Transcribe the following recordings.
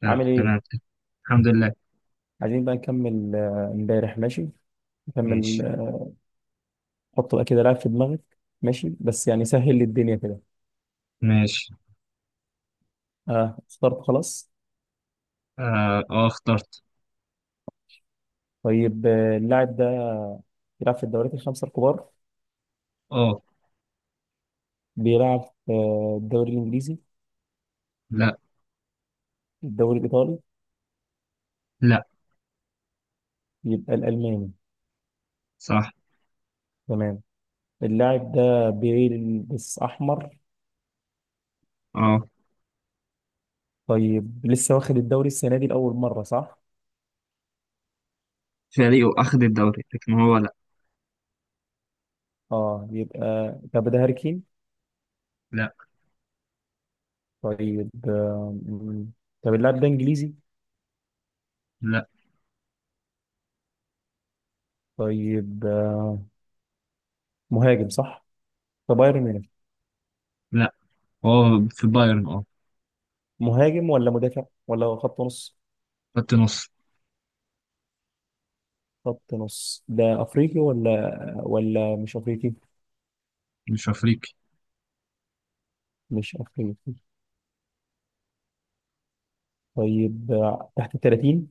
تمام عامل ايه؟ تمام. الحمد لله. عايزين بقى نكمل امبارح ماشي؟ نكمل ماشي حط بقى كده لعب في دماغك. ماشي؟ بس يعني سهل لي الدنيا كده. ماشي. اه اخترت خلاص. اه. اخترت. طيب اللاعب ده بيلعب في الدوريات الخمسة الكبار. اه. بيلعب في الدوري الانجليزي؟ لا. الدوري الايطالي؟ لا. يبقى الالماني. صح. تمام. اللاعب ده بيلبس احمر. اه. طيب لسه واخد الدوري السنة دي لأول مرة صح؟ فريقه اخذ الدوري لكن هو لا. اه يبقى. طب ده هاري كين؟ لا. طيب طب اللاعب ده انجليزي؟ لا. طيب مهاجم صح؟ في بايرن ميونخ؟ لا هو في بايرن، اه. مهاجم ولا مدافع ولا خط نص؟ خط نص. خط نص. ده افريقي ولا ولا مش افريقي؟ مش افريقي. مش افريقي. طيب تحت ال 30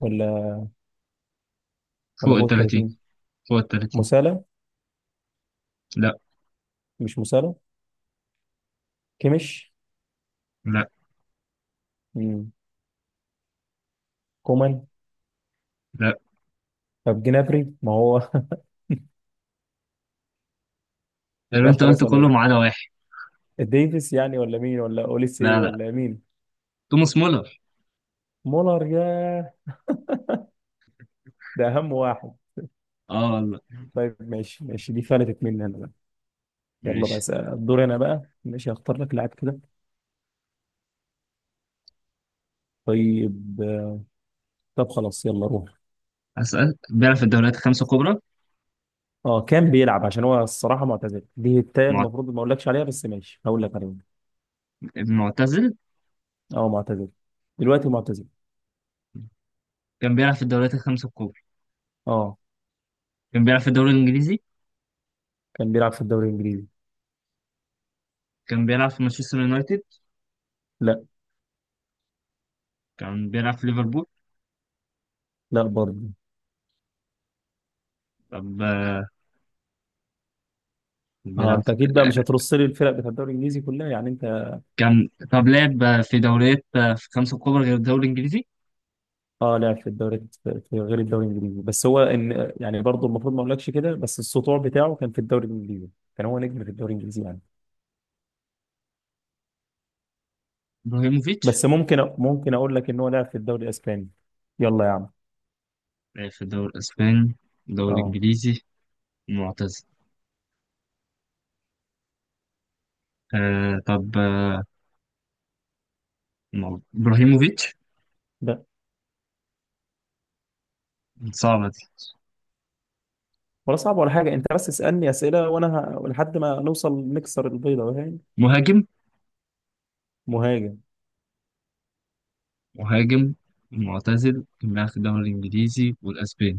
ولا فوق ولا ال فوق ال 30. 30؟ فوق ال 30. مسالة؟ لا. مش مسالة. كيميش؟ لا. مم. كومان؟ لا. طب جنابري ما هو. اللي لا انت قلت خلاص كله انا. ما عدا واحد. ديفيس يعني ولا مين ولا اوليسي لا لا. ولا مين؟ توماس مولر. مولر يا. ده اهم واحد. اه والله. طيب ماشي ماشي، دي فلتت مني انا بقى. يلا بقى ماشي. الدور انا بقى، ماشي هختار لك لاعب كده. طيب. طب خلاص يلا روح. اسال بيلعب في الدوريات الخمسه الكبرى. اه كان بيلعب عشان هو الصراحه معتزل، دي التانية معت- المفروض ما اقولكش عليها بس ماشي هقول لك عليها. معتزل. اه معتزل. دلوقتي معتزل. كان بيلعب في الدوريات الخمسه الكبرى. اه كان بيلعب في الدوري الانجليزي. كان بيلعب في الدوري الانجليزي. كان بيلعب في مانشستر يونايتد. لا. كان بيلعب في ليفربول. لا برضه. طب اه بيلعب انت في- اكيد بقى مش هترص لي الفرق بتاع الدوري الانجليزي كلها يعني انت. كان طب لعب في دوريات في خمسة كبرى غير الدوري الإنجليزي. اه لعب في الدوري، في غير الدوري الانجليزي، بس هو ان يعني برضه المفروض ما اقولكش كده، بس السطوع بتاعه كان في الدوري الانجليزي. كان هو نجم في الدوري الانجليزي يعني. إبراهيموفيتش. بس ممكن ممكن اقول لك ان هو لعب في الدوري الاسباني. يلا يا عم. لعب في الدوري الإسباني، الدوري اه الإنجليزي. معتزل. آه طب آه إبراهيموفيتش. ده. صعبة دي. ولا صعب ولا حاجة، انت بس اسألني اسئلة وانا لحد ما نوصل نكسر البيضة، فاهم؟ مهاجم. مهاجم. مهاجم معتزل كان بيلعب في الدوري الإنجليزي والأسباني.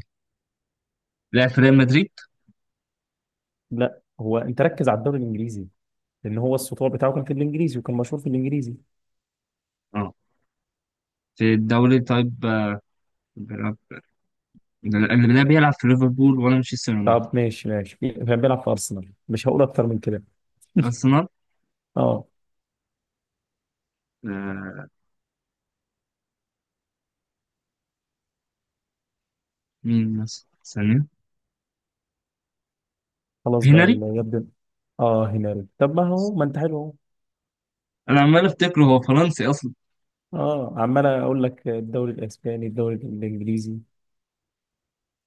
لعب في ريال مدريد. لا هو انت ركز على الدوري الانجليزي، لان هو السطور بتاعه كان في الانجليزي وكان مشهور في الانجليزي. اه. في الدوري، طيب. بيلعب. اللي بيلعب في ليفربول ولا مانشستر يونايتد. طب ماشي ماشي، كان بيلعب في ارسنال، مش هقول اكتر من كده. أرسنال. اه. آه مين مثلا ثانية؟ خلاص بقى هنري. اللي يبدو. اه هنري. طب ما هو، ما انت حلو اهو. انا عمال افتكره هو فرنسي اصلا. اه عمال اقول لك الدوري الاسباني الدوري الانجليزي.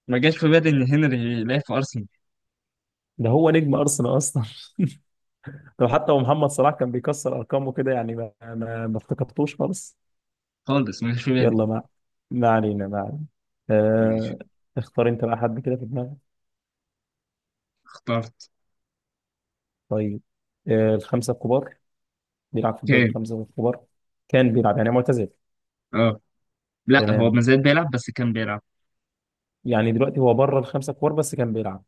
ما جاش في بالي ان هنري يلعب في ارسنال. ده هو نجم ارسنال اصلا. لو حتى هو محمد صلاح كان بيكسر ارقامه كده يعني ما افتكرتوش خالص. خالص ما جاش في بالي. يلا ما. ما علينا ما علينا. ماشي آه... اختار انت بقى حد كده في دماغك. اخترت. طيب الخمسة الكبار. بيلعب في الدوري كان. الخمسة الكبار. كان بيلعب يعني معتزل. اه. لا هو ما تمام. زال بيلعب بس كان بيلعب. يعني دلوقتي هو بره الخمسة الكبار بس كان بيلعب.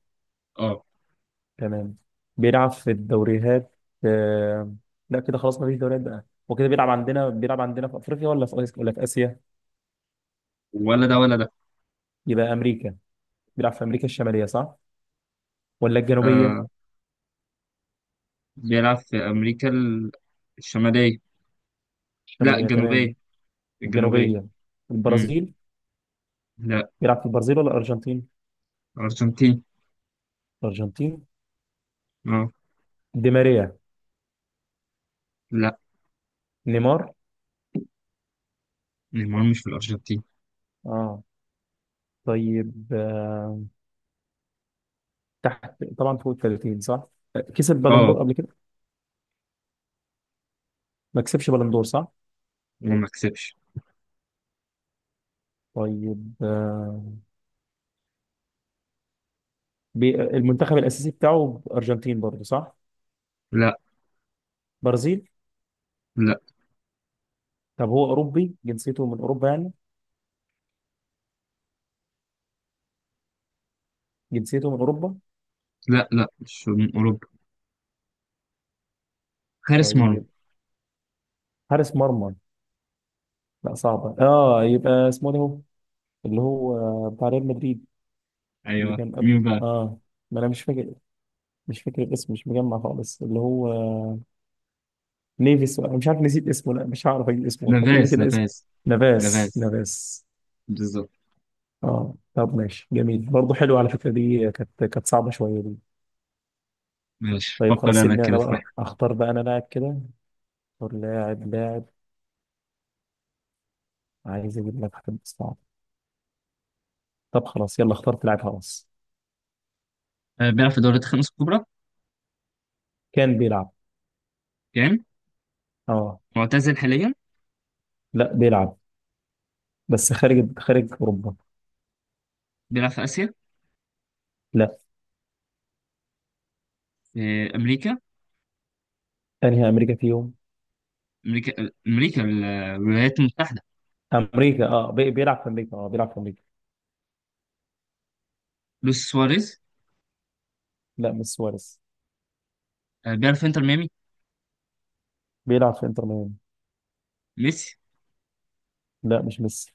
اه. تمام. بيلعب في الدوريات آه... لا كده خلاص ما فيش دوريات بقى وكده. بيلعب عندنا؟ بيلعب عندنا في افريقيا ولا في آسيا ولا في اسيا؟ ولا ده ولا ده. يبقى امريكا. بيلعب في امريكا الشمالية صح ولا الجنوبية؟ آه بيلعب في امريكا الشماليه. لا الشمالية تمام. الجنوبيه. الجنوبيه. الجنوبية. امم البرازيل. لا. بيلعب في البرازيل ولا الارجنتين؟ ارجنتين. الارجنتين. اه. دي ماريا؟ لا. نيمار؟ نيمار مش في الارجنتين. اه. طيب آه. تحت طبعا فوق ال 30 صح. كسب اه، بلندور قبل كده؟ ما كسبش بلندور صح. وما كسبش. طيب آه. المنتخب الاساسي بتاعه ارجنتين برضه صح؟ لا. برازيل؟ لا. طب هو اوروبي، جنسيته من اوروبا يعني؟ جنسيته من اوروبا. لا لا مش من اوروبا. حارس مرمى. طيب. حارس مرمى. لا صعبه. اه يبقى اسمه ده هو اللي هو بتاع ريال مدريد اللي ايوه كان قبل مين بقى؟ اه، ما انا مش فاكر. مش فاكر الاسم، مش مجمع خالص. اللي هو نيفيس، انا مش عارف، نسيت اسمه. لا مش هعرف اجيب اسمه. طب قول لي نافاس كده اسمه. نافاس. نافاس نافاس. نافاس. بالظبط. اه طب ماشي جميل برضه، حلو على فكره، دي كانت صعبه شويه دي. ماشي طيب فكر خلاص انا سيبني كده انا في واحد. بقى اختار بقى انا لاعب كده. اختار لاعب لاعب. عايز اجيب لك حد صعب. طب خلاص يلا، اخترت لاعب خلاص. بيلعب في دوريات الخمس الكبرى كان بيلعب. يعني. اه معتزل حاليا. لا بيلعب، بس خارج اوروبا. بيلعب في اسيا. لا. في امريكا. انهي امريكا فيهم؟ امريكا. امريكا، الولايات المتحده. امريكا اه، بيلعب في امريكا. اه بيلعب في امريكا. لويس سواريز. لا مش سواريز. بيلعب في انتر ميامي. بيلعب في انتر ميامي. ميسي. لا مش ميسي.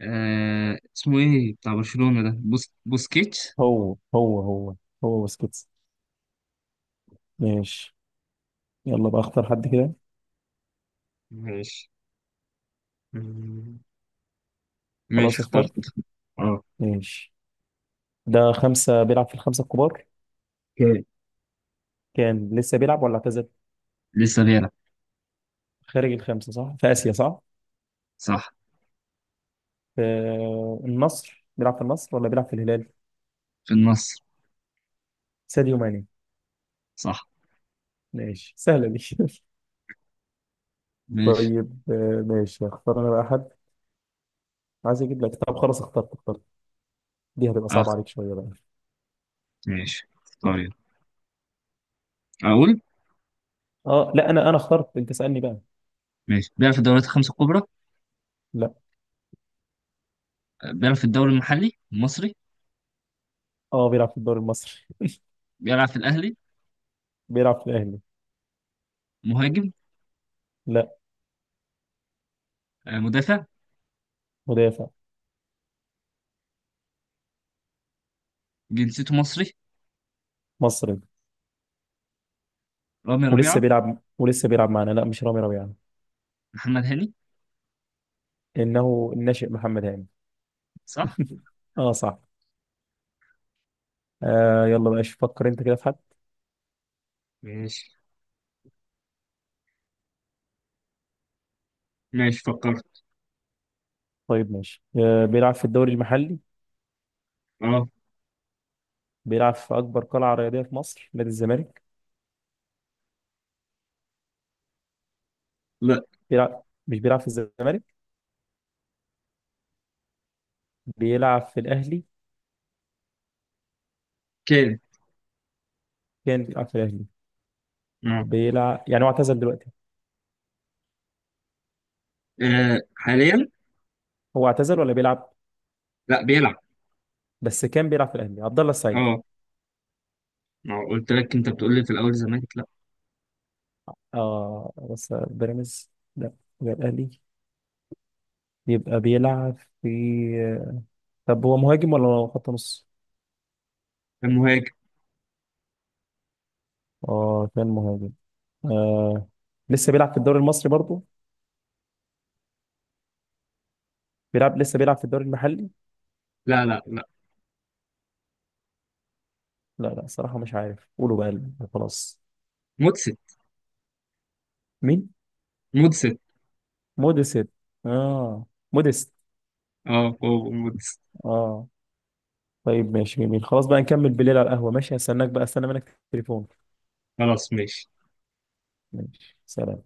اسمه ايه بتاع برشلونه ده، بوسكيتش. هو هو بسكتس. ماشي. يلا بقى اختار حد كده. ماشي. مم. ماشي خلاص اختار. اخترت. اه. ماشي. ده خمسة، بيلعب في الخمسة الكبار. اوكي. كان لسه بيلعب ولا اعتزل؟ لسه بيلعب. خارج الخمسة صح، في آسيا صح. صح. في النصر، بيلعب في النصر ولا بيلعب في الهلال؟ في النصر. ساديو ماني. صح. ماشي سهلة دي. ماشي. طيب آه، ماشي اختار انا بقى حد، عايز اجيب لك. طب خلاص اخترت اخترت. دي هتبقى اخ صعبة عليك شوية بقى. ماشي اختار يلا. اقول. اه لا انا، انا اخترت، انت اسألني بقى. ماشي بيلعب في الدوريات الخمسة الكبرى. لا. بيلعب في الدوري المحلي المصري. اه بيلعب في الدوري المصري. بيلعب في الأهلي. بيلعب في الاهلي. مهاجم. لا. مدافع. مدافع. جنسيته مصري. مصري. رامي ولسه ربيعة. بيلعب، ولسه بيلعب معانا. لا مش رامي ربيعة. محمد هاني. انه الناشئ محمد هاني. صح؟ اه صح. آه يلا بقى شوف فكر انت كده في حد. ماشي. ماشي فكرت. طيب ماشي. آه بيلعب في الدوري المحلي. اه. بيلعب في اكبر قلعه رياضيه في مصر، نادي الزمالك. لا. بيلعب، مش بيلعب في الزمالك. بيلعب في الاهلي. كان. كان بيلعب في الاهلي. اه. بيلعب يعني، هو اعتزل دلوقتي؟ حاليا. هو اعتزل ولا بيلعب؟ لا بيلعب. بس كان بيلعب في الاهلي عبد الله السعيد. اه. ما هو قلت لك انت بتقول لي في الأول زمالك لا. اه بس بيراميدز لا. يبقى الاهلي. يبقى بيلعب في. طب هو مهاجم ولا خط نص؟ كان مهاجم. اه كان مهاجم. آه. لسه بيلعب في الدوري المصري برضه؟ بيلعب، لسه بيلعب في الدوري المحلي؟ لا لا لا. لا لا صراحة مش عارف، قولوا بقى خلاص. مدسن. مين؟ مدسن. موديست. اه موديست. اه هو مدسن. اه طيب ماشي جميل، خلاص بقى نكمل بالليل على القهوة، ماشي هستناك بقى، استنى منك التليفون. خلاص ماشي. ماشي سلام.